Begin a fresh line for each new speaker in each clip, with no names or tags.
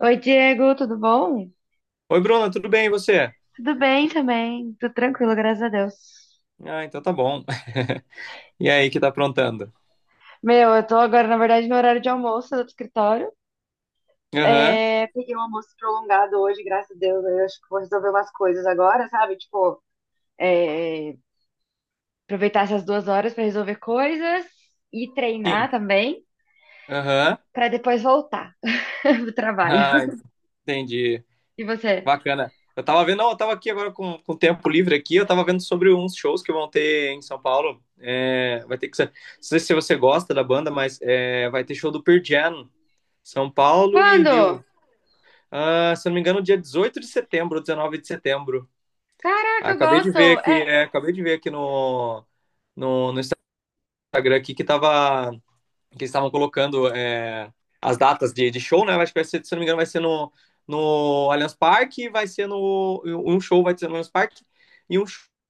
Oi, Diego, tudo bom?
Oi, Bruna, tudo bem e você?
Tudo bem também, tudo tranquilo, graças a Deus.
Ah, então tá bom. E aí, que tá aprontando?
Meu, eu tô agora, na verdade, no horário de almoço do escritório.
Aham,
É, peguei um almoço prolongado hoje, graças a Deus. Eu acho que vou resolver umas coisas agora, sabe? Tipo, é, aproveitar essas 2 horas pra resolver coisas e
sim.
treinar também,
Aham.
pra depois voltar pro trabalho.
Ah, entendi.
E você?
Bacana. Eu tava vendo, não, eu tava aqui agora com tempo livre aqui, eu tava vendo sobre uns shows que vão ter em São Paulo. É, vai ter que ser, não sei se você gosta da banda, mas vai ter show do Pearl Jam, São Paulo e Rio.
Quando?
Ah, se eu não me engano, dia 18 de setembro, ou 19 de setembro.
Caraca,
Ah,
eu
acabei de
gosto!
ver aqui, acabei de ver aqui no, no Instagram aqui que tava. Que eles estavam colocando as datas de show, né? Acho que vai ser, se não me engano, vai ser no, Allianz Parque, vai ser no. Um show vai ser no Allianz Parque e um show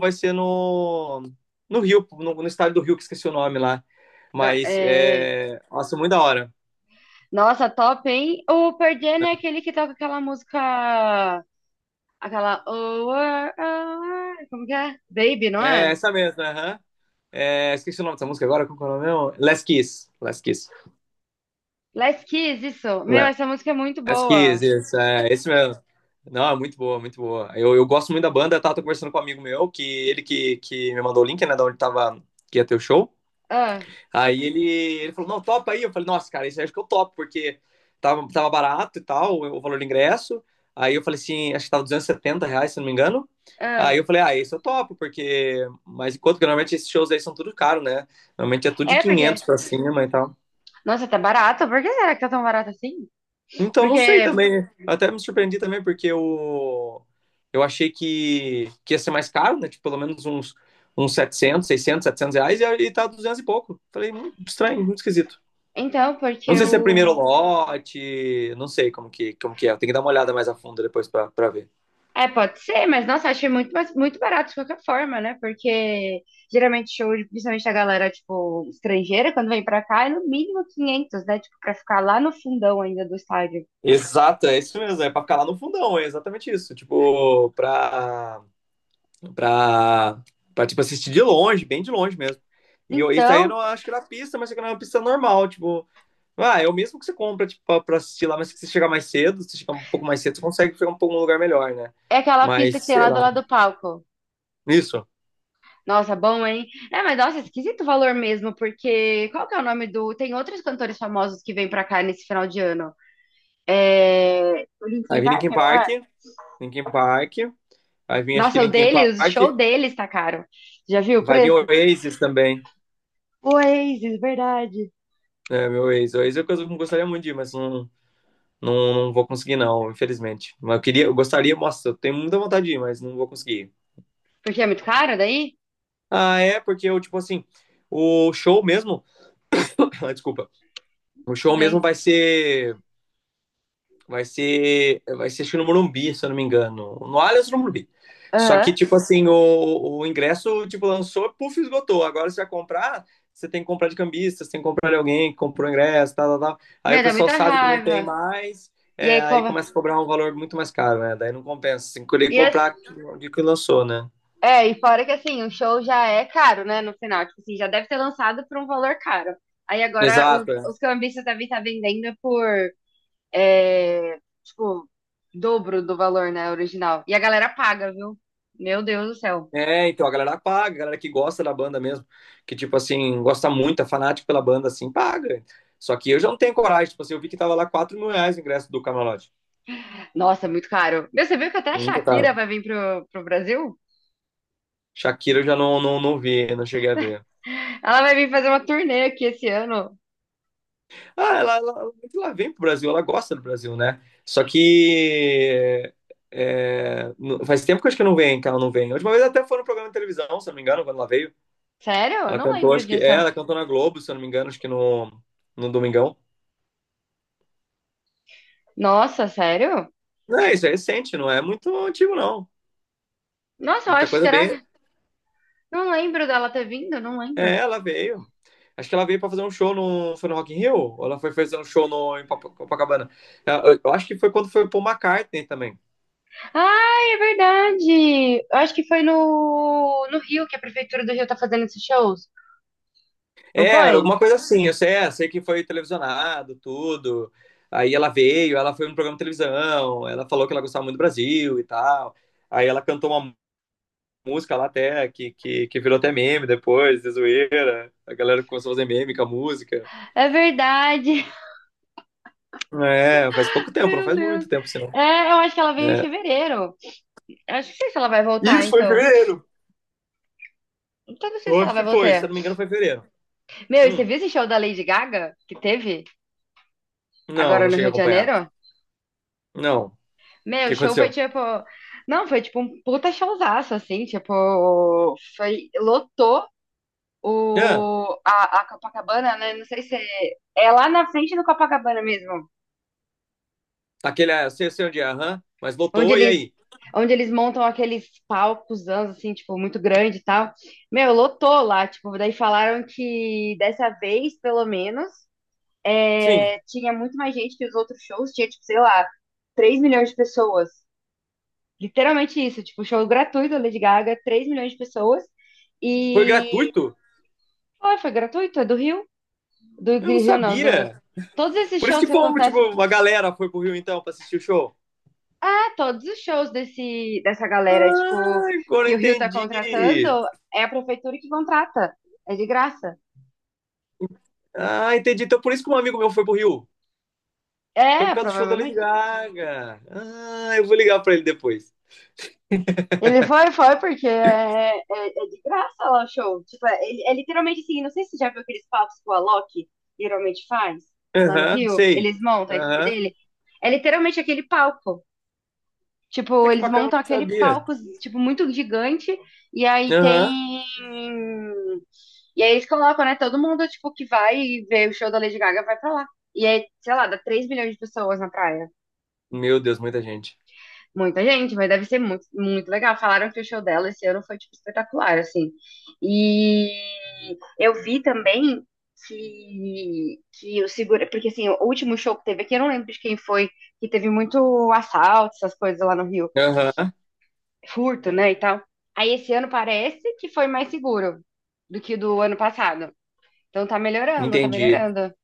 vai ser no, no, Rio, no estádio do Rio, que esqueci o nome lá.
ga-
Mas
é,
é. Nossa, muito da hora.
Nossa, top, hein? O Pearl Jam é aquele que toca aquela música. Aquela. Oh, oh, oh, oh, como que é? Baby, não
É
é?
essa mesmo, aham. É, esqueci o nome dessa música agora, qual que é o nome mesmo? Last Kiss. Last Kiss.
Last Kiss, isso. Meu, essa música é muito
As Kiss,
boa.
isso, é, esse mesmo. Não, é muito boa, muito boa. Eu gosto muito da banda, tá? Tô conversando com um amigo meu, que ele que me mandou o link, né, da onde tava, que ia ter o show.
Ah,
Aí ele falou, não, topa aí. Eu falei, nossa, cara, isso aí acho que eu topo, porque tava barato e tal, o valor do ingresso. Aí eu falei assim, acho que tava R$ 270, se não me engano. Aí
ah.
eu falei, ah, esse eu topo, porque. Mas enquanto que normalmente esses shows aí são tudo caro, né? Normalmente é tudo de
É porque.
500 pra cima e tal.
Nossa, tá barato? Por que será que tá tão barato assim?
Então, não sei
Porque.
também. Até me surpreendi também, porque eu achei que ia ser mais caro, né? Tipo, pelo menos uns 700 600 700 reais, e tá 200 e pouco. Falei, muito estranho, muito esquisito.
Então, porque
Não sei se é primeiro
o.
lote, não sei como que é. Tem que dar uma olhada mais a fundo depois pra ver.
É, pode ser, mas nossa, achei muito, muito barato de qualquer forma, né? Porque geralmente show, principalmente a galera, tipo, estrangeira, quando vem pra cá, é no mínimo 500, né? Tipo, pra ficar lá no fundão ainda do estádio.
Exato, é isso mesmo. É pra ficar lá no fundão, é exatamente isso. Tipo, pra, pra tipo, assistir de longe, bem de longe mesmo. Isso aí eu
Então,
não acho que era pista, mas isso aqui era uma pista normal, tipo. Ah, é o mesmo que você compra, tipo, pra assistir lá, mas se você chegar mais cedo, se você chegar um pouco mais cedo, você consegue chegar um pouco um lugar melhor, né?
é aquela pista que
Mas,
tem
sei
lá do
lá.
lado do palco.
Isso.
Nossa, bom, hein? É, mas nossa, é esquisito o valor mesmo, porque qual que é o nome do. Tem outros cantores famosos que vêm pra cá nesse final de ano. É. O
Aí
Linkin
vem
Park,
Linkin
não
Park,
é?
Linkin Park. Aí vem, acho que
Nossa, o
Linkin
dele,
Park.
o show deles tá caro. Já viu o
Vai vir
preço?
Oasis também.
O Oasis, verdade.
É, meu Oasis. Oasis é uma coisa que eu gostaria muito de ir, mas não, não, não vou conseguir, não, infelizmente. Mas eu queria, eu gostaria, nossa, eu tenho muita vontade de ir, mas não vou conseguir.
Porque é muito caro daí?
Ah, é, porque eu, tipo assim, o show mesmo. Desculpa. O
Tudo
show mesmo
bem.
vai ser acho que no Morumbi, se eu não me engano. No Allianz ou no Morumbi. Só que,
Aham.
tipo assim, o ingresso, tipo, lançou, puf, esgotou. Agora você vai comprar, você tem que comprar de cambista, você tem que comprar de alguém que comprou o ingresso, tal, tal, tal. Aí o
Meu, dá
pessoal
muita
sabe que não tem
raiva.
mais,
E aí,
aí
como.
começa a cobrar um valor muito mais caro, né? Daí não compensa. Você tem que
E assim,
comprar de que lançou, né?
é, e fora que assim, o show já é caro, né? No final, tipo assim, já deve ter lançado por um valor caro. Aí agora os,
Exato, é.
os cambistas devem estar vendendo por, é, tipo, dobro do valor, né? Original. E a galera paga, viu? Meu Deus do céu.
É, então a galera paga, a galera que gosta da banda mesmo, que tipo assim, gosta muito, é fanático pela banda, assim, paga. Só que eu já não tenho coragem, tipo assim, eu vi que tava lá R$ 4.000 o ingresso do camarote.
Nossa, é muito caro. Meu, você viu que até a
Muito
Shakira
caro.
vai vir pro Brasil?
Shakira eu já não vi, não cheguei a ver.
Ela vai vir fazer uma turnê aqui esse ano.
Ah, ela vem pro Brasil, ela gosta do Brasil, né? Só que faz tempo que eu acho que não vem, que ela não vem. A última vez até foi no programa de televisão, se eu não me engano, quando ela veio.
Sério? Eu
Ela
não
cantou,
lembro
acho que
disso.
ela cantou na Globo, se eu não me engano, acho que no Domingão.
Nossa, sério?
Não, isso é recente, não é muito antigo, não.
Nossa, eu
Muita
acho que
coisa
será
bem.
que. Não lembro dela ter vindo, não lembro.
É, ela veio. Acho que ela veio pra fazer um show no. Foi no Rock in Rio? Ou ela foi fazer um show no, em Copacabana? É, eu acho que foi quando foi o Paul McCartney também.
Ai, é verdade! Eu acho que foi no Rio que a Prefeitura do Rio tá fazendo esses shows,
É,
não
era
foi?
alguma coisa assim. Eu sei, sei que foi televisionado, tudo. Aí ela veio, ela foi no programa de televisão, ela falou que ela gostava muito do Brasil e tal. Aí ela cantou uma música lá até, que virou até meme depois, de zoeira. A galera começou a fazer meme com a música.
É verdade!
É, faz pouco tempo, não
Meu
faz
Deus!
muito tempo, assim,
É, eu acho que ela veio em
é.
fevereiro. Eu acho que não sei se ela vai voltar,
Isso foi em
então.
fevereiro.
Então, não sei
Eu
se ela
acho
vai
que foi, se eu
voltar.
não me engano, foi em fevereiro.
Meu, e você
Hum.
viu esse show da Lady Gaga que teve
Não,
agora
não
no
cheguei a
Rio de
acompanhar.
Janeiro?
Não. O
Meu,
que
o show foi
aconteceu?
tipo. Não, foi tipo um puta showzaço, assim, tipo, foi, lotou
Ah,
a Copacabana, né? Não sei se é lá na frente do Copacabana mesmo,
aquele, sei onde é, aham, mas
onde
voltou, e
eles,
aí?
onde eles montam aqueles palcos, assim, tipo, muito grande e tal. Meu, lotou lá, tipo, daí falaram que dessa vez, pelo menos,
Sim.
é, tinha muito mais gente que os outros shows, tinha, tipo, sei lá, 3 milhões de pessoas. Literalmente isso, tipo, show gratuito da Lady Gaga, 3 milhões de pessoas.
Foi
E
gratuito?
foi gratuito, é do
Eu não
Rio não, do,
sabia.
todos esses
Por isso
shows
que
que
fomos, tipo,
acontecem
uma galera foi pro Rio então pra assistir o show.
todos os shows desse, dessa galera, tipo,
Ah, agora
que
eu
o Rio tá
entendi.
contratando, é a prefeitura que contrata. É de graça.
Ah, entendi. Então por isso que um amigo meu foi pro Rio. Foi
É,
por causa do show da Lady
provavelmente.
Gaga. Ah, eu vou ligar pra ele depois.
Ele foi, porque é de graça lá o show. Tipo, é literalmente assim, não sei se você já viu aqueles palcos que o Alok geralmente faz lá no
Aham,
Rio.
sei.
Eles montam a equipe
Aham.
dele. É literalmente aquele palco.
É
Tipo,
que
eles
bacana, eu não
montam aquele
sabia.
palco, tipo, muito gigante, e aí
Aham.
tem. E aí eles colocam, né? Todo mundo, tipo, que vai ver o show da Lady Gaga vai pra lá. E aí, sei lá, dá 3 milhões de pessoas na praia.
Meu Deus, muita gente.
Muita gente, mas deve ser muito, muito legal. Falaram que o show dela esse ano foi, tipo, espetacular, assim. E eu vi também que o segura... Porque, assim, o último show que teve aqui, eu não lembro de quem foi, que teve muito assalto, essas coisas lá no Rio.
Aham,
Furto, né, e tal. Aí esse ano parece que foi mais seguro do que o do ano passado. Então tá melhorando, tá
entendi.
melhorando.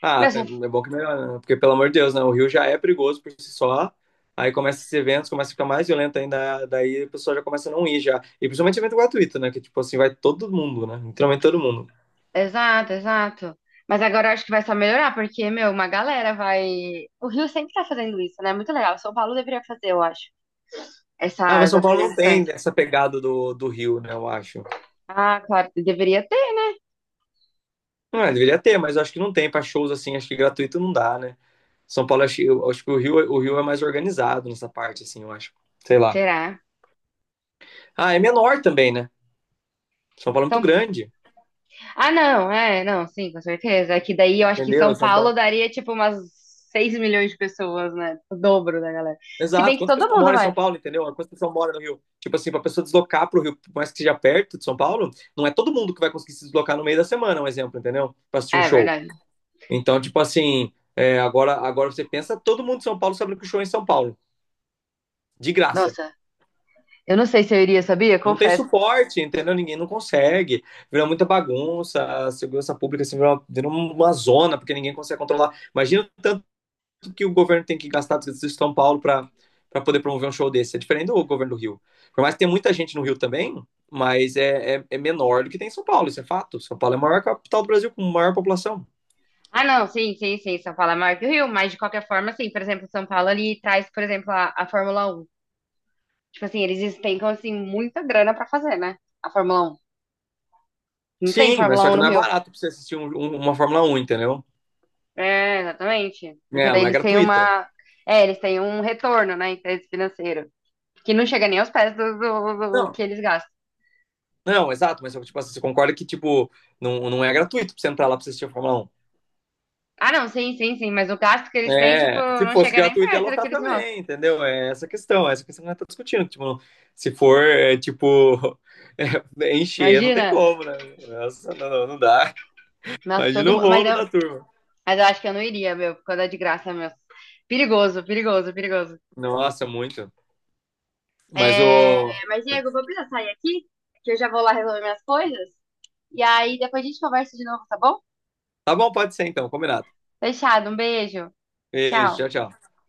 Ah,
Meu,
é bom que melhora, né? Porque, pelo amor de Deus, né? O Rio já é perigoso por si só. Aí começa esses eventos, começa a ficar mais violento ainda. Daí a pessoa já começa a não ir já. E principalmente evento gratuito, né? Que, tipo assim, vai todo mundo, né? Literalmente todo mundo.
exato, exato. Mas agora eu acho que vai só melhorar, porque, meu, uma galera vai. O Rio sempre tá fazendo isso, né? Muito legal. São Paulo deveria fazer, eu acho,
Ah, mas
essas
São Paulo não
apresentações.
tem essa pegada do Rio, né? Eu acho.
Ah, claro, deveria ter.
Ah, deveria ter, mas eu acho que não tem. Pra shows, assim, acho que gratuito não dá, né? São Paulo, acho, eu acho que o Rio é mais organizado nessa parte, assim, eu acho. Sei lá.
Será?
Ah, é menor também, né? São Paulo é muito
São...
grande.
Ah, não, é, não, sim, com certeza. É que daí eu acho que
Entendeu?
São
São
Paulo
Paulo.
daria, tipo, umas 6 milhões de pessoas, né? O dobro da galera. Se bem
Exato.
que
Quantas
todo
pessoas
mundo
moram em
vai.
São Paulo, entendeu? Quantas pessoas moram no Rio? Tipo assim, pra pessoa deslocar pro Rio, por mais que seja perto de São Paulo, não é todo mundo que vai conseguir se deslocar no meio da semana, um exemplo, entendeu? Pra assistir um
É
show.
verdade.
Então, tipo assim, agora você pensa, todo mundo de São Paulo sabe que o show é em São Paulo. De graça.
Nossa, eu não sei se eu iria, sabia?
Não tem
Confesso.
suporte, entendeu? Ninguém não consegue. Virou muita bagunça, a segurança pública assim, virou uma zona, porque ninguém consegue controlar. Imagina o tanto que o governo tem que gastar do Distrito de São Paulo para poder promover um show desse. É diferente do governo do Rio. Por mais que tenha muita gente no Rio também, mas é menor do que tem em São Paulo, isso é fato. São Paulo é a maior capital do Brasil com maior população.
Ah, não, sim, sim, sim. São Paulo é maior que o Rio, mas de qualquer forma, assim, por exemplo, São Paulo ali traz, por exemplo, a Fórmula 1. Tipo assim, eles despencam, assim, muita grana pra fazer, né? A Fórmula 1. Não tem
Sim, mas
Fórmula
só
Um
que
no
não é
Rio.
barato pra você assistir uma Fórmula 1, entendeu?
É, exatamente. Porque
É,
daí
não é
eles têm
gratuita.
uma. É, eles têm um retorno, né, em termos financeiro. Que não chega nem aos pés do, do
Não,
que eles gastam.
não, exato, mas tipo, assim, você concorda que tipo, não, não é gratuito pra você entrar lá pra você assistir a Fórmula 1?
Ah, não, sim, sim, sim. Mas o gasto que eles têm, tipo,
É, se
não
fosse
chega nem
gratuito, ia
perto do que
lotar
eles gastam.
também, entendeu? É essa questão que nós estamos discutindo. Tipo, se for, tipo, encher, não tem
Imagina.
como, né? Nossa, não, não, não dá.
Nossa,
Imagina
todo
o
mundo.
rolo da turma.
Mas eu acho que eu não iria, meu, quando é de graça, meu. Perigoso, perigoso, perigoso.
Nossa, muito. Mas
É,
o.
mas, Diego, eu vou precisar sair aqui, que eu já vou lá resolver minhas coisas. E aí depois a gente conversa de novo, tá bom?
Tá bom, pode ser então, combinado.
Fechado, um beijo. Tchau.
Beijo, tchau, tchau.